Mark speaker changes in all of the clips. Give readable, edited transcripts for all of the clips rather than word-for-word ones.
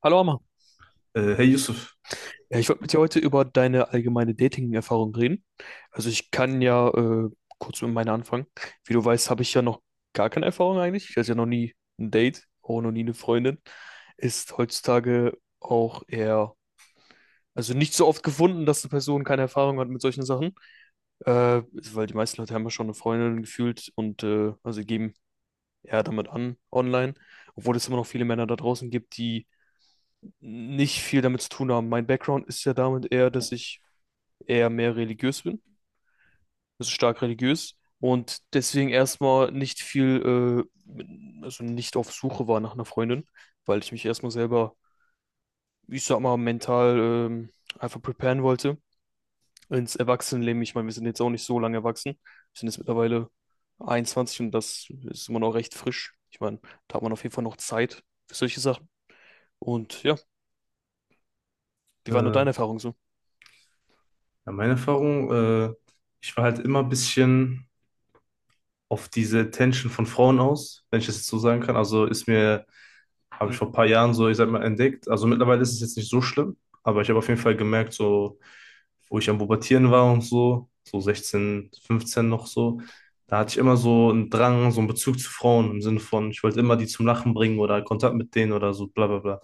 Speaker 1: Hallo Amma.
Speaker 2: Hey Yusuf,
Speaker 1: Ja, ich wollte mit dir heute über deine allgemeine Dating-Erfahrung reden. Also ich kann ja kurz mit meiner anfangen. Wie du weißt, habe ich ja noch gar keine Erfahrung eigentlich. Ich hatte ja noch nie ein Date, auch noch nie eine Freundin. Ist heutzutage auch eher, also nicht so oft gefunden, dass eine Person keine Erfahrung hat mit solchen Sachen. Äh, Weil die meisten Leute haben ja schon eine Freundin gefühlt und also geben eher damit an online. Obwohl es immer noch viele Männer da draußen gibt, die nicht viel damit zu tun haben. Mein Background ist ja damit eher, dass ich eher mehr religiös bin, also stark religiös und deswegen erstmal nicht viel, äh, also nicht auf Suche war nach einer Freundin, weil ich mich erstmal selber, ich sag mal, mental ähm, einfach preparen wollte ins Erwachsenenleben. Ich meine, wir sind jetzt auch nicht so lange erwachsen. Wir sind jetzt mittlerweile 21 und das ist immer noch recht frisch. Ich meine, da hat man auf jeden Fall noch Zeit für solche Sachen. Und ja, wie war nur
Speaker 2: ja,
Speaker 1: deine Erfahrung so?
Speaker 2: meine Erfahrung, ich war halt immer ein bisschen auf diese Attention von Frauen aus, wenn ich das jetzt so sagen kann. Also ist mir Habe
Speaker 1: Hm,
Speaker 2: ich vor ein paar Jahren so, ich sag mal, entdeckt. Also mittlerweile ist es jetzt nicht so schlimm, aber ich habe auf jeden Fall gemerkt, so, wo ich am Pubertieren war und so, so 16, 15 noch so, da hatte ich immer so einen Drang, so einen Bezug zu Frauen im Sinne von, ich wollte immer die zum Lachen bringen oder Kontakt mit denen oder so, bla bla bla.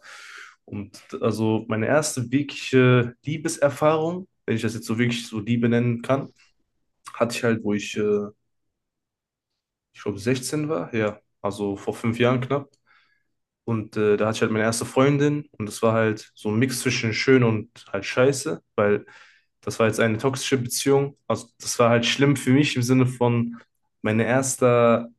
Speaker 2: Und also meine erste wirkliche Liebeserfahrung, wenn ich das jetzt so wirklich so Liebe nennen kann, hatte ich halt, wo ich, ich glaube, 16 war, ja, also vor 5 Jahren knapp. Da hatte ich halt meine erste Freundin und es war halt so ein Mix zwischen schön und halt scheiße, weil das war jetzt eine toxische Beziehung. Also das war halt schlimm für mich im Sinne von mein erster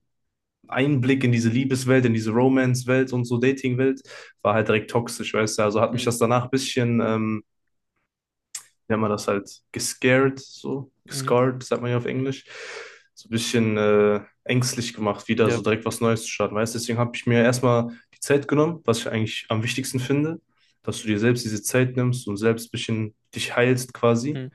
Speaker 2: Einblick in diese Liebeswelt, in diese Romance-Welt und so Dating-Welt war halt direkt toxisch, weißt du. Also hat mich
Speaker 1: hm,
Speaker 2: das danach ein bisschen nennt man das halt, gescared, so,
Speaker 1: mhm.
Speaker 2: gescarred, sagt man ja auf Englisch, so ein bisschen ängstlich gemacht, wieder
Speaker 1: Ja.
Speaker 2: so direkt was Neues zu starten, weißt du? Deswegen habe ich mir erstmal die Zeit genommen, was ich eigentlich am wichtigsten finde, dass du dir selbst diese Zeit nimmst und selbst ein bisschen dich heilst quasi.
Speaker 1: Hm,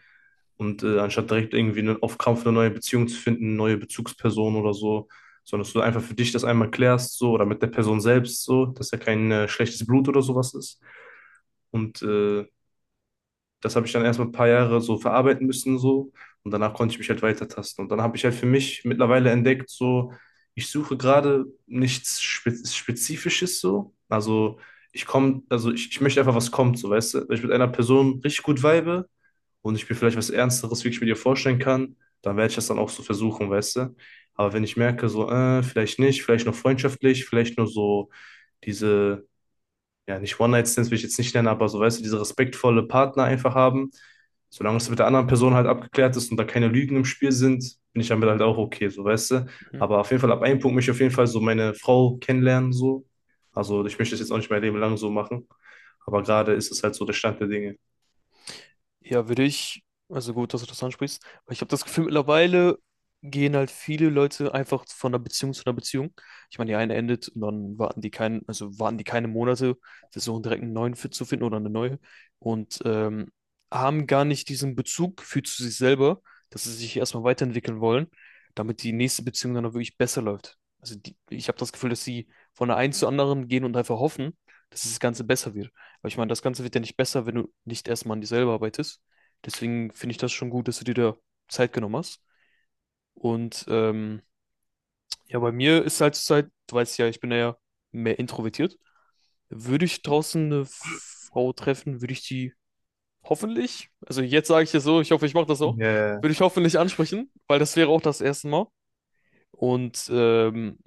Speaker 2: Und anstatt direkt irgendwie auf Krampf eine neue Beziehung zu finden, neue Bezugsperson oder so, sondern dass du einfach für dich das einmal klärst, so, oder mit der Person selbst, so, dass ja kein schlechtes Blut oder sowas ist. Und das habe ich dann erstmal ein paar Jahre so verarbeiten müssen so und danach konnte ich mich halt weitertasten. Und dann habe ich halt für mich mittlerweile entdeckt, so ich suche gerade nichts Spezifisches so. Also ich komme, also ich möchte einfach, was kommt, so weißt du. Wenn ich mit einer Person richtig gut vibe und ich mir vielleicht was Ernsteres wirklich mit ihr vorstellen kann, dann werde ich das dann auch so versuchen, weißt du. Aber wenn ich merke, so, vielleicht nicht, vielleicht nur freundschaftlich, vielleicht nur so diese ja, nicht One-Night-Stands will ich jetzt nicht nennen, aber so, weißt du, diese respektvolle Partner einfach haben. Solange es mit der anderen Person halt abgeklärt ist und da keine Lügen im Spiel sind, bin ich damit halt auch okay, so, weißt du.
Speaker 1: hm.
Speaker 2: Aber auf jeden Fall, ab einem Punkt möchte ich auf jeden Fall so meine Frau kennenlernen, so. Also, ich möchte es jetzt auch nicht mein Leben lang so machen. Aber gerade ist es halt so der Stand der Dinge.
Speaker 1: Ja, würde ich, also gut, dass du das ansprichst, weil ich habe das Gefühl, mittlerweile gehen halt viele Leute einfach von einer Beziehung zu einer Beziehung. Ich meine, die eine endet und dann warten die keinen, also warten die keine Monate, versuchen direkt einen neuen Fit zu finden oder eine neue und haben gar nicht diesen Bezug für zu sich selber, dass sie sich erstmal weiterentwickeln wollen, damit die nächste Beziehung dann auch wirklich besser läuft. Also die, ich habe das Gefühl, dass sie von der einen zur anderen gehen und einfach hoffen, dass das Ganze besser wird. Weil ich meine, das Ganze wird ja nicht besser, wenn du nicht erstmal an dir selber arbeitest. Deswegen finde ich das schon gut, dass du dir da Zeit genommen hast. Und ja, bei mir ist halt zur Zeit, du weißt ja, ich bin ja mehr introvertiert. Würde ich draußen eine Frau treffen, würde ich die hoffentlich, also jetzt sage ich es so, ich hoffe, ich mache das auch,
Speaker 2: Ja.
Speaker 1: würde ich hoffentlich ansprechen, weil das wäre auch das erste Mal. Und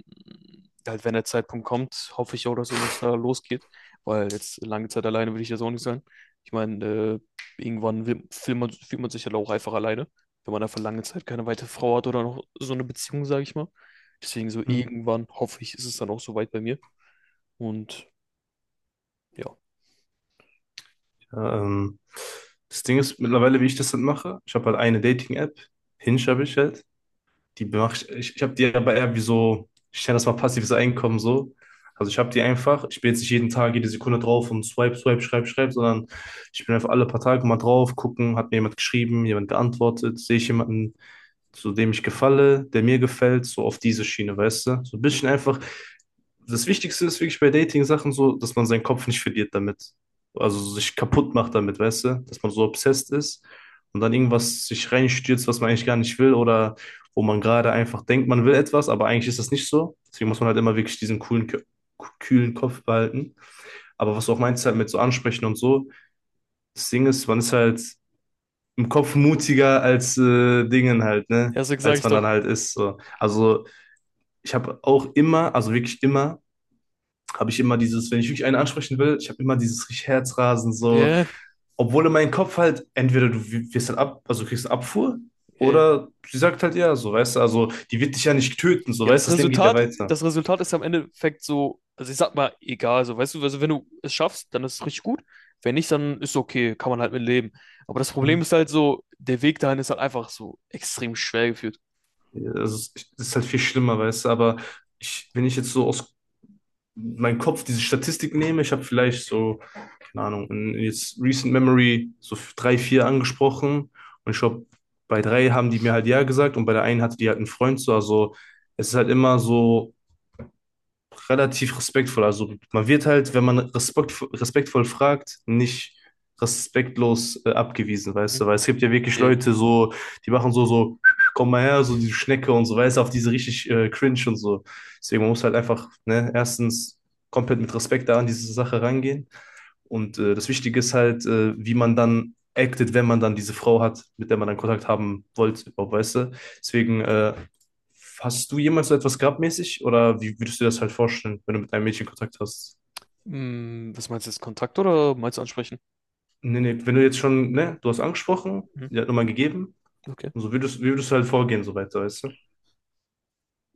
Speaker 1: halt, wenn der Zeitpunkt kommt, hoffe ich auch, dass irgendwas da losgeht, weil jetzt lange Zeit alleine will ich jetzt auch nicht sein. Ich meine, irgendwann will, fühlt man sich halt auch einfach alleine, wenn man einfach lange Zeit keine weitere Frau hat oder noch so eine Beziehung, sage ich mal. Deswegen so
Speaker 2: Mhm.
Speaker 1: irgendwann hoffe ich, ist es dann auch soweit bei mir. Und ja,
Speaker 2: Ja, das Ding ist mittlerweile, wie ich das dann mache. Ich habe halt eine Dating-App, Hinge habe ich halt. Die mach ich, ich habe die aber eher wie so, ich nenne das mal passives Einkommen so. Also ich habe die einfach, ich bin jetzt nicht jeden Tag, jede Sekunde drauf und swipe, swipe, schreib, schreib, sondern ich bin einfach alle paar Tage mal drauf, gucken, hat mir jemand geschrieben, jemand geantwortet, sehe ich jemanden, so dem ich gefalle, der mir gefällt, so auf diese Schiene, weißt du? So ein
Speaker 1: hm.
Speaker 2: bisschen einfach. Das Wichtigste ist wirklich bei Dating-Sachen so, dass man seinen Kopf nicht verliert damit. Also sich kaputt macht damit, weißt du? Dass man so obsessed ist und dann irgendwas sich reinstürzt, was man eigentlich gar nicht will oder wo man gerade einfach denkt, man will etwas, aber eigentlich ist das nicht so. Deswegen muss man halt immer wirklich diesen coolen, kühlen Kopf behalten. Aber was du auch meinst halt mit so ansprechen und so, das Ding ist, man ist halt im Kopf mutiger als Dingen halt, ne?
Speaker 1: Erstens sage
Speaker 2: Als
Speaker 1: ich
Speaker 2: man dann
Speaker 1: doch,
Speaker 2: halt ist. So. Also ich habe auch immer, also wirklich immer, habe ich immer dieses, wenn ich wirklich einen ansprechen will, ich habe immer dieses richtig Herzrasen, so,
Speaker 1: yeah,
Speaker 2: obwohl in meinem Kopf halt, entweder du wirst halt ab, also du kriegst eine Abfuhr,
Speaker 1: yeah.
Speaker 2: oder sie sagt halt ja, so, weißt du, also die wird dich ja nicht töten, so,
Speaker 1: Ja,
Speaker 2: weißt du, das Leben geht ja weiter.
Speaker 1: Das Resultat ist am Endeffekt so, also ich sag mal, egal, so, weißt du, also wenn du es schaffst, dann ist es richtig gut. Wenn nicht, dann ist okay, kann man halt mit leben. Aber das Problem
Speaker 2: Mhm.
Speaker 1: ist halt so, der Weg dahin ist halt einfach so extrem schwer geführt.
Speaker 2: Also, es ist halt viel schlimmer, weißt du, aber ich, wenn ich jetzt so aus meinem Kopf diese Statistik nehme, ich habe vielleicht so keine Ahnung, in jetzt Recent Memory so drei, vier angesprochen. Und ich glaube, bei drei haben die mir halt ja gesagt und bei der einen hatte die halt einen Freund so. Also es ist halt immer so relativ respektvoll. Also man wird halt, wenn man respektvoll fragt, nicht respektlos abgewiesen, weißt
Speaker 1: Mhm.
Speaker 2: du? Weil es gibt ja wirklich
Speaker 1: Nee.
Speaker 2: Leute so, die machen so, so, komm mal her, so die Schnecke und so, weißt du, auf diese richtig cringe und so. Deswegen man muss halt einfach, ne, erstens komplett mit Respekt da an diese Sache rangehen. Und das Wichtige ist halt, wie man dann acted, wenn man dann diese Frau hat, mit der man dann Kontakt haben wollte, überhaupt, weißt du? Deswegen, hast du jemals so etwas gehabt mäßig? Oder wie würdest du dir das halt vorstellen, wenn du mit einem Mädchen Kontakt hast?
Speaker 1: Hm, was meinst du jetzt, Kontakt oder meinst du ansprechen?
Speaker 2: Nee, nee, wenn du jetzt schon, ne, du hast angesprochen,
Speaker 1: Mhm.
Speaker 2: die hat Nummer gegeben,
Speaker 1: Okay.
Speaker 2: und so würdest, wie würdest du halt vorgehen, so weiter, weißt du?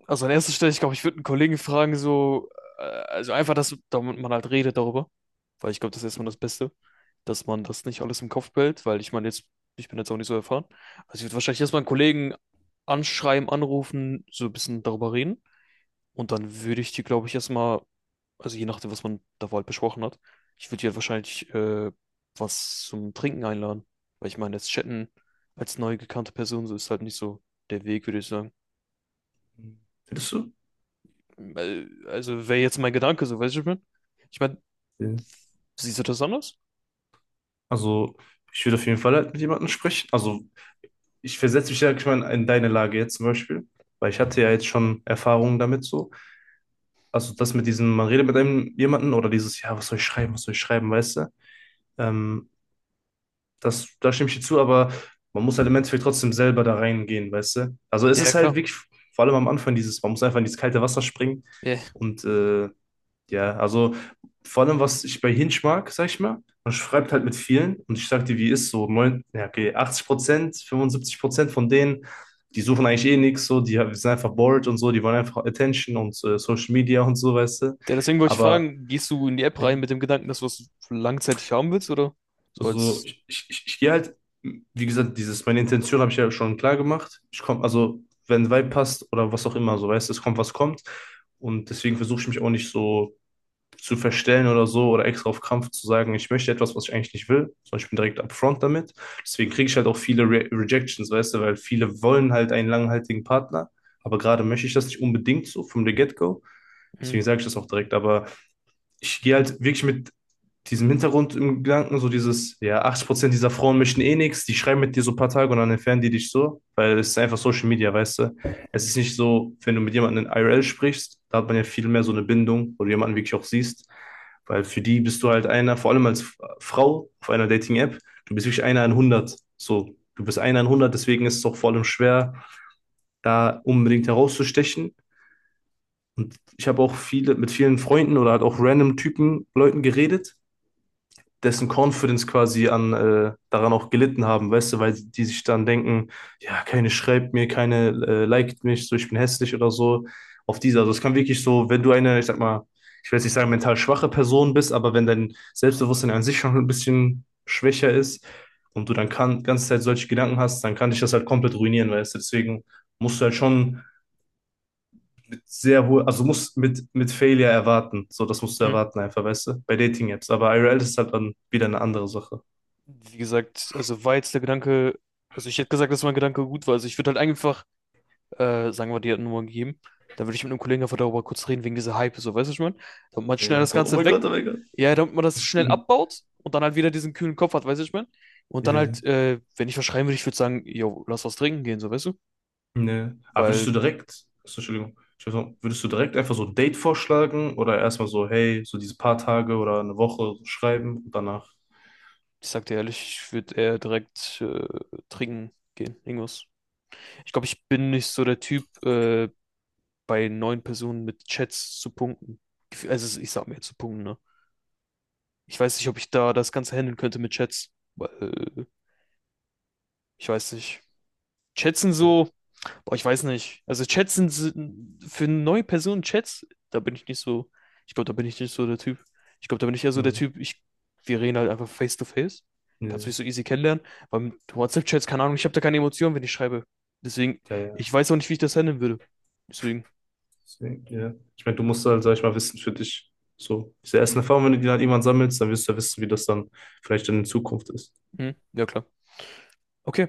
Speaker 1: Also an erster Stelle, ich glaube, ich würde einen Kollegen fragen, so, also einfach, dass damit man halt redet darüber. Weil ich glaube, das ist erstmal das Beste, dass man das nicht alles im Kopf behält, weil ich meine, jetzt, ich bin jetzt auch nicht so erfahren. Also ich würde wahrscheinlich erstmal einen Kollegen anschreiben, anrufen, so ein bisschen darüber reden. Und dann würde ich die, glaube ich, erstmal, also je nachdem, was man da halt besprochen hat, ich würde die halt wahrscheinlich was zum Trinken einladen. Weil ich meine, jetzt chatten als neu gekannte Person, so ist halt nicht so der Weg, würde ich sagen.
Speaker 2: Findest du?
Speaker 1: Weil- Also wäre jetzt mein Gedanke, so weißt du, was ich meine? Ich meine,
Speaker 2: Ja.
Speaker 1: siehst du das anders?
Speaker 2: Also, ich würde auf jeden Fall halt mit jemandem sprechen. Also, ich versetze mich ja ich meine, in deine Lage jetzt zum Beispiel, weil ich hatte ja jetzt schon Erfahrungen damit so. Also das mit diesem, man redet mit einem jemanden oder dieses, ja, was soll ich schreiben, was soll ich schreiben, weißt du? Ähm, das, da stimme ich dir zu, aber man muss halt im Endeffekt trotzdem selber da reingehen, weißt du? Also es
Speaker 1: Ja,
Speaker 2: ist
Speaker 1: klar.
Speaker 2: halt wirklich, vor allem am Anfang, dieses, man muss einfach in dieses kalte Wasser springen
Speaker 1: Ja.
Speaker 2: und ja, also vor allem, was ich bei Hinge mag, sag ich mal, man schreibt halt mit vielen und ich sag dir, wie ist so, ja, okay, 80%, 75% von denen, die suchen eigentlich eh nichts, so, die sind einfach bored und so, die wollen einfach Attention und Social Media und so, weißt du.
Speaker 1: Ja, deswegen wollte ich
Speaker 2: Aber
Speaker 1: fragen, gehst du in die App rein
Speaker 2: ne,
Speaker 1: mit dem Gedanken, dass du was langzeitig haben willst, oder? So
Speaker 2: also,
Speaker 1: als,
Speaker 2: ich gehe halt, wie gesagt, dieses, meine Intention habe ich ja schon klar gemacht. Ich komme, also, wenn ein Vibe passt oder was auch immer, so, weißt du, es kommt, was kommt. Und deswegen versuche ich mich auch nicht so zu verstellen oder so oder extra auf Kampf zu sagen, ich möchte etwas, was ich eigentlich nicht will, sondern ich bin direkt upfront damit. Deswegen kriege ich halt auch viele Re Rejections, weißt du, weil viele wollen halt einen langhaltigen Partner, aber gerade möchte ich das nicht unbedingt so vom the get-go.
Speaker 1: hm,
Speaker 2: Deswegen sage ich das auch direkt, aber ich gehe halt wirklich mit diesem Hintergrund im Gedanken, so dieses, ja, 80% dieser Frauen möchten eh nichts, die schreiben mit dir so ein paar Tage und dann entfernen die dich so, weil es ist einfach Social Media, weißt du. Es ist nicht so, wenn du mit jemandem in IRL sprichst, da hat man ja viel mehr so eine Bindung, wo du jemanden wirklich auch siehst, weil für die bist du halt einer, vor allem als Frau auf einer Dating-App, du bist wirklich einer in 100, so. Du bist einer in 100, deswegen ist es auch vor allem schwer, da unbedingt herauszustechen. Und ich habe auch viele mit vielen Freunden oder halt auch random Typen, Leuten geredet dessen Confidence quasi daran auch gelitten haben, weißt du, weil die sich dann denken, ja, keine schreibt mir, keine liked mich, so ich bin hässlich oder so. Auf diese, also es kann wirklich so, wenn du eine, ich sag mal, ich will jetzt nicht sagen, mental schwache Person bist, aber wenn dein Selbstbewusstsein an sich schon ein bisschen schwächer ist und du dann kann, die ganze Zeit solche Gedanken hast, dann kann dich das halt komplett ruinieren, weißt du, deswegen musst du halt schon mit sehr hohe, also musst mit, Failure erwarten, so das musst du
Speaker 1: hm.
Speaker 2: erwarten einfach, weißt du, bei Dating-Apps, aber IRL ist halt dann wieder eine andere Sache.
Speaker 1: Wie gesagt, also war jetzt der Gedanke, also ich hätte gesagt, dass mein Gedanke gut war. Also ich würde halt einfach sagen wir, die hat eine Nummer gegeben, dann würde ich mit einem Kollegen einfach darüber kurz reden, wegen dieser Hype, so, weißt du, was ich meine? Damit man
Speaker 2: Ja,
Speaker 1: schnell
Speaker 2: ja,
Speaker 1: das
Speaker 2: so, oh
Speaker 1: Ganze
Speaker 2: mein Gott,
Speaker 1: weg,
Speaker 2: oh mein Gott.
Speaker 1: ja, damit man das schnell abbaut und dann halt wieder diesen kühlen Kopf hat, weißt du, was ich meine? Und dann
Speaker 2: Ja,
Speaker 1: halt, wenn ich was schreiben würde, ich würde sagen, yo, lass was trinken gehen, so, weißt du?
Speaker 2: ne. Aber würdest du
Speaker 1: Weil,
Speaker 2: direkt, so, Entschuldigung, ich würd sagen, würdest du direkt einfach so ein Date vorschlagen oder erstmal so, hey, so diese paar Tage oder eine Woche schreiben und danach?
Speaker 1: ich sag dir ehrlich, ich würde eher direkt trinken gehen, irgendwas. Ich glaube, ich bin nicht so der Typ, bei neuen Personen mit Chats zu punkten. Gef- Also, ich sag mir zu punkten, ne? Ich weiß nicht, ob ich da das Ganze handeln könnte mit Chats, weil, äh, ich weiß nicht. Chats sind
Speaker 2: Ja,
Speaker 1: so, boah, ich weiß nicht. Also Chats sind, sind für neue Personen Chats, da bin ich nicht so, ich glaube, da bin ich nicht so der Typ. Ich glaube, da bin ich eher so der
Speaker 2: hm,
Speaker 1: Typ, ich, wir reden halt einfach face to face. Kannst
Speaker 2: ne,
Speaker 1: mich so easy kennenlernen. Beim WhatsApp-Chats, keine Ahnung, ich habe da keine Emotionen, wenn ich schreibe. Deswegen,
Speaker 2: ja, ja.
Speaker 1: ich weiß auch nicht, wie ich das handeln würde. Deswegen,
Speaker 2: Deswegen, ja. Ich meine, du musst halt, sag ich mal, wissen für dich, so, diese
Speaker 1: hm,
Speaker 2: ersten Erfahrungen, wenn du die dann irgendwann sammelst, dann wirst du ja wissen, wie das dann vielleicht dann in Zukunft ist.
Speaker 1: hm, ja klar. Okay,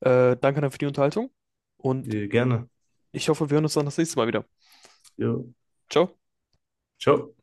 Speaker 1: danke dann für die Unterhaltung und
Speaker 2: Ja, gerne.
Speaker 1: ich hoffe, wir hören uns dann das nächste Mal wieder.
Speaker 2: Jo.
Speaker 1: Ciao.
Speaker 2: Ciao.